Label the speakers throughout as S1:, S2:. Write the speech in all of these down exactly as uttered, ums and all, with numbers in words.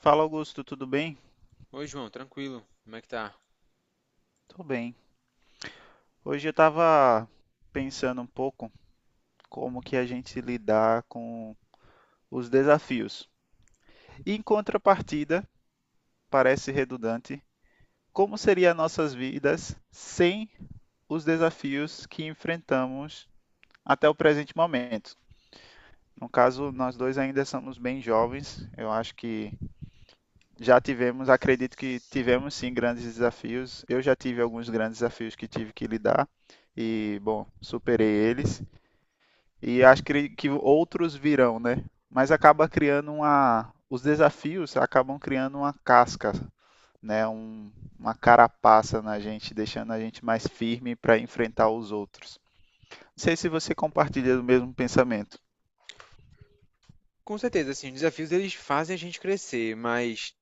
S1: Fala Augusto, tudo bem?
S2: Oi, João, tranquilo? Como é que tá?
S1: Tô bem. Hoje eu estava pensando um pouco como que a gente lidar com os desafios. Em contrapartida, parece redundante, como seriam nossas vidas sem os desafios que enfrentamos até o presente momento? No caso, nós dois ainda somos bem jovens. Eu acho que já tivemos, acredito que tivemos sim grandes desafios. Eu já tive alguns grandes desafios que tive que lidar e, bom, superei eles. E acho que, que outros virão, né? Mas acaba criando uma. Os desafios acabam criando uma casca, né? Um, uma carapaça na gente, deixando a gente mais firme para enfrentar os outros. Não sei se você compartilha do mesmo pensamento.
S2: Com certeza, assim, os desafios eles fazem a gente crescer, mas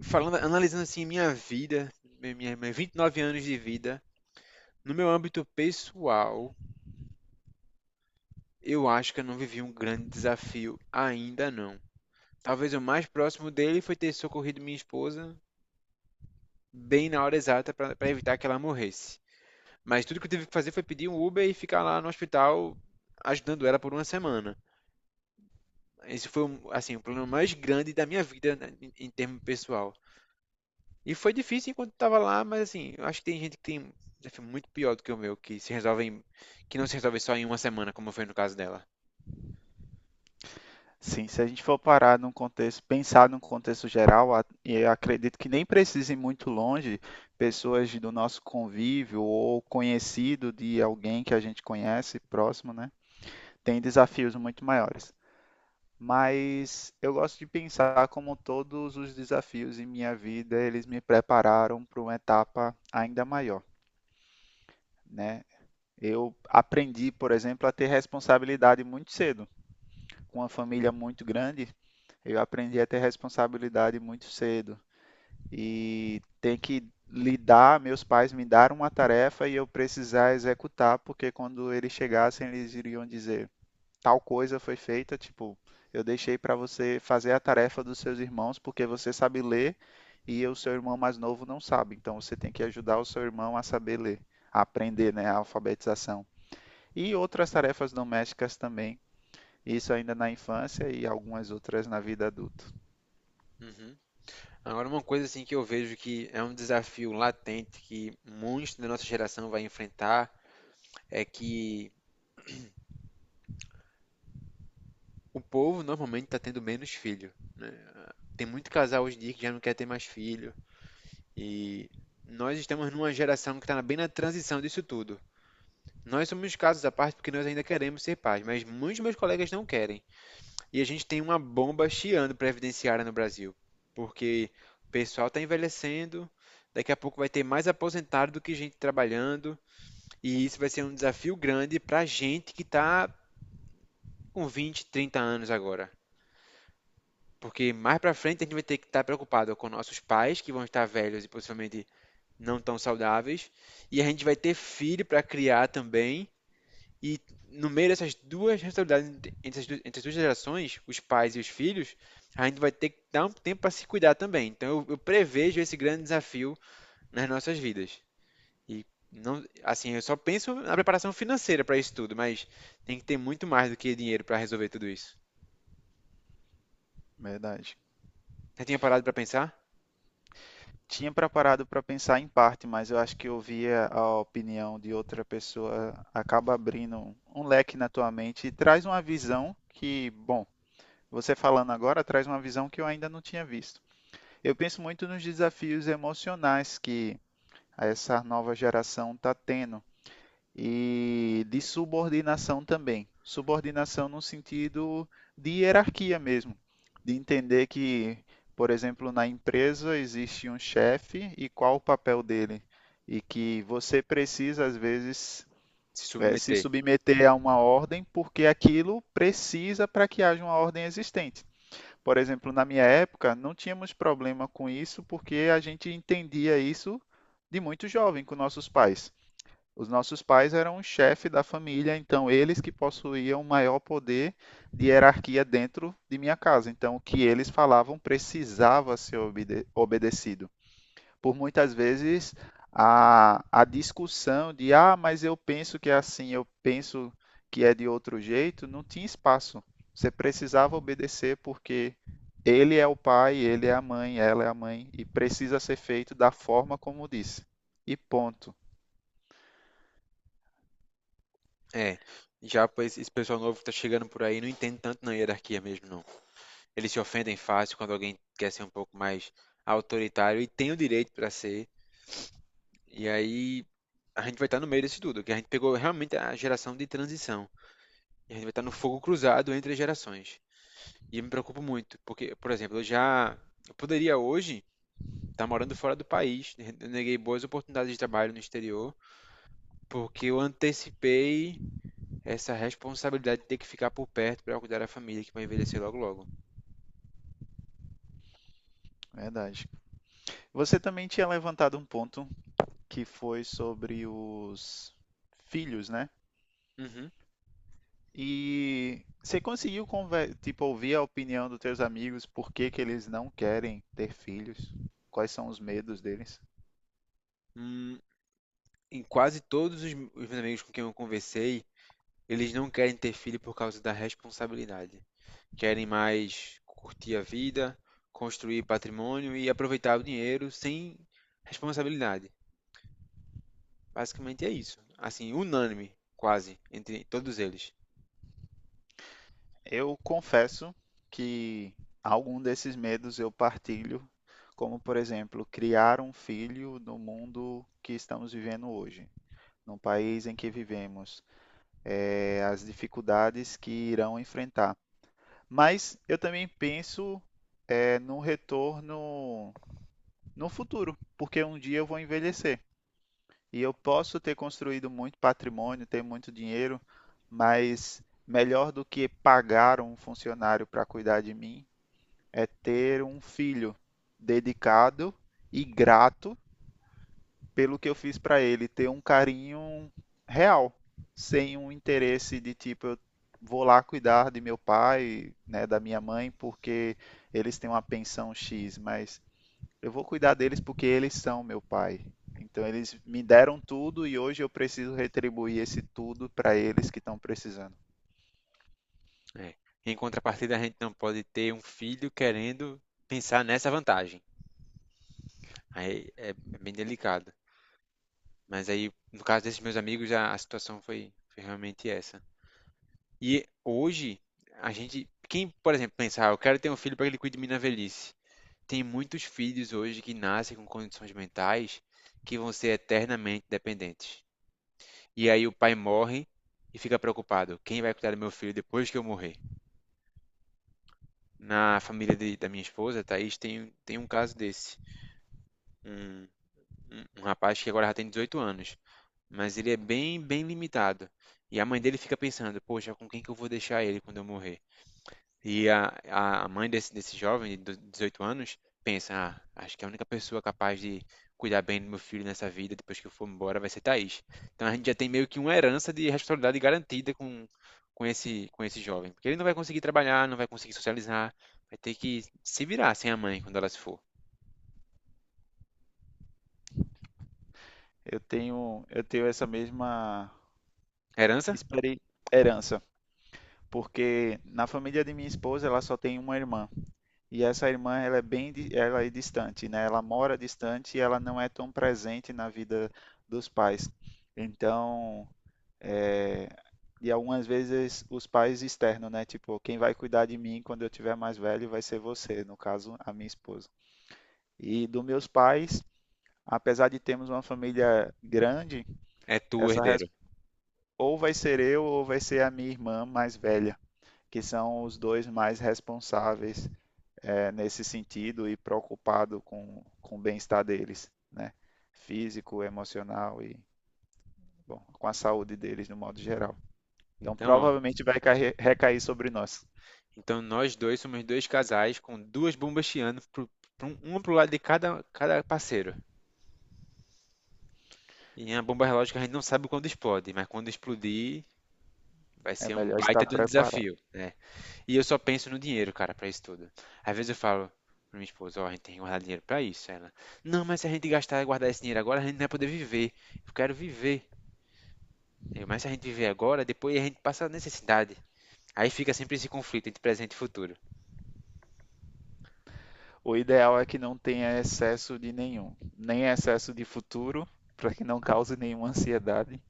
S2: falando, analisando assim minha vida, minha, minha minha vinte e nove anos de vida, no meu âmbito pessoal, eu acho que eu não vivi um grande desafio ainda não. Talvez o mais próximo dele foi ter socorrido minha esposa bem na hora exata para evitar que ela morresse. Mas tudo que eu tive que fazer foi pedir um Uber e ficar lá no hospital ajudando ela por uma semana. Esse foi, um, assim, o problema mais grande da minha vida, né, em, em termo pessoal. E foi difícil enquanto estava lá, mas assim, eu acho que tem gente que tem um desafio muito pior do que o meu, que se resolve em, que não se resolve só em uma semana, como foi no caso dela.
S1: Sim, se a gente for parar num contexto, pensar num contexto geral, a- e eu acredito que nem precise ir muito longe, pessoas do nosso convívio ou conhecido de alguém que a gente conhece próximo, né, tem desafios muito maiores. Mas eu gosto de pensar como todos os desafios em minha vida, eles me prepararam para uma etapa ainda maior, né? Eu aprendi, por exemplo, a ter responsabilidade muito cedo. Com uma família muito grande, eu aprendi a ter responsabilidade muito cedo. E tem que lidar, meus pais me deram uma tarefa e eu precisar executar, porque quando eles chegassem, eles iriam dizer: tal coisa foi feita, tipo, eu deixei para você fazer a tarefa dos seus irmãos porque você sabe ler e o seu irmão mais novo não sabe. Então você tem que ajudar o seu irmão a saber ler, a aprender, né, a alfabetização. E outras tarefas domésticas também, isso ainda na infância e algumas outras na vida adulta.
S2: Uhum. Agora, uma coisa assim que eu vejo que é um desafio latente que muitos da nossa geração vai enfrentar é que o povo normalmente está tendo menos filho. Tem muito casal hoje em dia que já não quer ter mais filho. E nós estamos numa geração que está bem na transição disso tudo. Nós somos casos à parte porque nós ainda queremos ser pais, mas muitos dos meus colegas não querem. E a gente tem uma bomba chiando previdenciária no Brasil, porque o pessoal está envelhecendo, daqui a pouco vai ter mais aposentado do que gente trabalhando, e isso vai ser um desafio grande para a gente que está com vinte, trinta anos agora. Porque mais para frente a gente vai ter que estar preocupado com nossos pais, que vão estar velhos e possivelmente não tão saudáveis, e a gente vai ter filho para criar também. E no meio dessas duas responsabilidades, entre entre as duas, entre as duas gerações, os pais e os filhos, a gente vai ter que dar um tempo para se cuidar também. Então eu, eu prevejo esse grande desafio nas nossas vidas. E não, assim, eu só penso na preparação financeira para isso tudo, mas tem que ter muito mais do que dinheiro para resolver tudo isso.
S1: Verdade.
S2: Você tinha parado para pensar?
S1: Tinha preparado para pensar em parte, mas eu acho que ouvir a opinião de outra pessoa acaba abrindo um um leque na tua mente e traz uma visão que, bom, você falando agora traz uma visão que eu ainda não tinha visto. Eu penso muito nos desafios emocionais que essa nova geração está tendo e de subordinação também. Subordinação no sentido de hierarquia mesmo, de entender que, por exemplo, na empresa existe um chefe e qual o papel dele, e que você precisa, às vezes,
S2: Se
S1: eh, se
S2: submeter.
S1: submeter a uma ordem porque aquilo precisa para que haja uma ordem existente. Por exemplo, na minha época, não tínhamos problema com isso porque a gente entendia isso de muito jovem com nossos pais. Os nossos pais eram o chefe da família, então eles que possuíam maior poder de hierarquia dentro de minha casa. Então, o que eles falavam precisava ser obede- obedecido por muitas vezes a, a discussão de ah, mas eu penso que é assim, eu penso que é de outro jeito, não tinha espaço. Você precisava obedecer porque ele é o pai, ele é a mãe, ela é a mãe e precisa ser feito da forma como disse. E ponto.
S2: É, já pois, esse pessoal novo que tá chegando por aí não entende tanto na hierarquia mesmo, não. Eles se ofendem fácil quando alguém quer ser um pouco mais autoritário e tem o direito para ser. E aí a gente vai estar no meio disso tudo, que a gente pegou realmente a geração de transição. E a gente vai estar no fogo cruzado entre as gerações. E eu me preocupo muito, porque, por exemplo, eu já eu poderia hoje estar morando fora do país. Eu neguei boas oportunidades de trabalho no exterior, porque eu antecipei essa responsabilidade de ter que ficar por perto para cuidar da família que vai envelhecer logo logo.
S1: Verdade. Você também tinha levantado um ponto que foi sobre os filhos, né?
S2: Uhum.
S1: E você conseguiu conver- tipo, ouvir a opinião dos teus amigos, por que que eles não querem ter filhos? Quais são os medos deles?
S2: Hum, em quase todos os os meus amigos com quem eu conversei, eles não querem ter filho por causa da responsabilidade. Querem mais curtir a vida, construir patrimônio e aproveitar o dinheiro sem responsabilidade. Basicamente é isso. Assim, unânime, quase, entre todos eles.
S1: Eu confesso que algum desses medos eu partilho, como por exemplo, criar um filho no mundo que estamos vivendo hoje, no país em que vivemos, eh, as dificuldades que irão enfrentar. Mas eu também penso, eh, no retorno no futuro, porque um dia eu vou envelhecer. E eu posso ter construído muito patrimônio, ter muito dinheiro, mas melhor do que pagar um funcionário para cuidar de mim é ter um filho dedicado e grato pelo que eu fiz para ele, ter um carinho real, sem um interesse de tipo, eu vou lá cuidar de meu pai, né, da minha mãe, porque eles têm uma pensão X, mas eu vou cuidar deles porque eles são meu pai. Então eles me deram tudo e hoje eu preciso retribuir esse tudo para eles que estão precisando.
S2: É. Em contrapartida, a gente não pode ter um filho querendo pensar nessa vantagem. Aí é é bem delicado. Mas aí, no caso desses meus amigos, a, a situação foi, foi realmente essa. E hoje, a gente, quem, por exemplo, pensar, eu quero ter um filho para que ele cuide de mim na velhice. Tem muitos filhos hoje que nascem com condições mentais que vão ser eternamente dependentes. E aí o pai morre e fica preocupado: quem vai cuidar do meu filho depois que eu morrer? Na família de- da minha esposa, Thaís, tem, tem um caso desse. Um, um, um rapaz que agora já tem dezoito anos, mas ele é bem, bem limitado. E a mãe dele fica pensando: poxa, com quem que eu vou deixar ele quando eu morrer? E a, a a mãe desse, desse jovem de dezoito anos pensa: ah, acho que a única pessoa capaz de cuidar bem do meu filho nessa vida, depois que eu for embora, vai ser Thaís. Então a gente já tem meio que uma herança de responsabilidade garantida com, com esse, com esse jovem. Porque ele não vai conseguir trabalhar, não vai conseguir socializar, vai ter que se virar sem a mãe quando ela se for.
S1: Eu tenho, eu tenho essa mesma
S2: A herança
S1: experi- herança, porque na família de minha esposa ela só tem uma irmã e essa irmã ela é bem, di- ela é distante, né? Ela mora distante e ela não é tão presente na vida dos pais. Então é, e algumas vezes os pais externos, né? Tipo, quem vai cuidar de mim quando eu tiver mais velho vai ser você, no caso, a minha esposa. E dos meus pais, apesar de termos uma família grande,
S2: é tu,
S1: essa res-
S2: herdeiro.
S1: ou vai ser eu ou vai ser a minha irmã mais velha, que são os dois mais responsáveis eh, nesse sentido e preocupado com, com o bem-estar deles, né? Físico, emocional e, bom, com a saúde deles no modo geral. Então
S2: Então, ó,
S1: provavelmente vai cair- recair sobre nós.
S2: então nós dois somos dois casais com duas bombas chiando, pro, pro, uma pro lado de cada, cada parceiro. E a bomba relógio que a gente não sabe quando explode, mas quando explodir, vai
S1: É
S2: ser um
S1: melhor estar
S2: baita de um, ah,
S1: preparado.
S2: desafio, né? E eu só penso no dinheiro, cara, pra isso tudo. Às vezes eu falo pra minha esposa: ó, a gente tem que guardar dinheiro pra isso. Ela: não, mas se a gente gastar e guardar esse dinheiro agora, a gente não vai poder viver. Eu quero viver. Eu, mas se a gente viver agora, depois a gente passa necessidade. Aí fica sempre esse conflito entre presente e futuro.
S1: O ideal é que não tenha excesso de nenhum, nem excesso de futuro, para que não cause nenhuma ansiedade,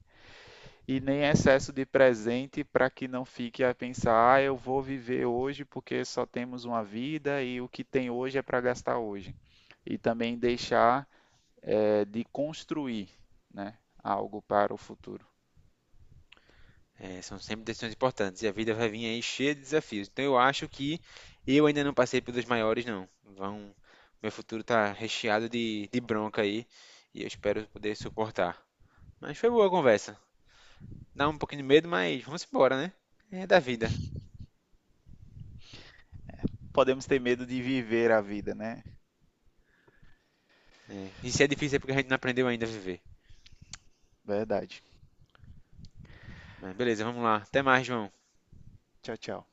S1: e nem excesso de presente, para que não fique a pensar, ah, eu vou viver hoje porque só temos uma vida e o que tem hoje é para gastar hoje. E também deixar eh, de construir, né, algo para o futuro.
S2: É, são sempre decisões importantes e a vida vai vir aí cheia de desafios. Então eu acho que eu ainda não passei pelos maiores, não. Vão, meu futuro tá recheado de, de bronca aí e eu espero poder suportar. Mas foi boa a conversa. Dá um pouquinho de medo, mas vamos embora, né? É da vida.
S1: Podemos ter medo de viver a vida, né?
S2: Né? E se é difícil é porque a gente não aprendeu ainda a viver.
S1: Verdade.
S2: Mas beleza, vamos lá. Até mais, João.
S1: Tchau, tchau.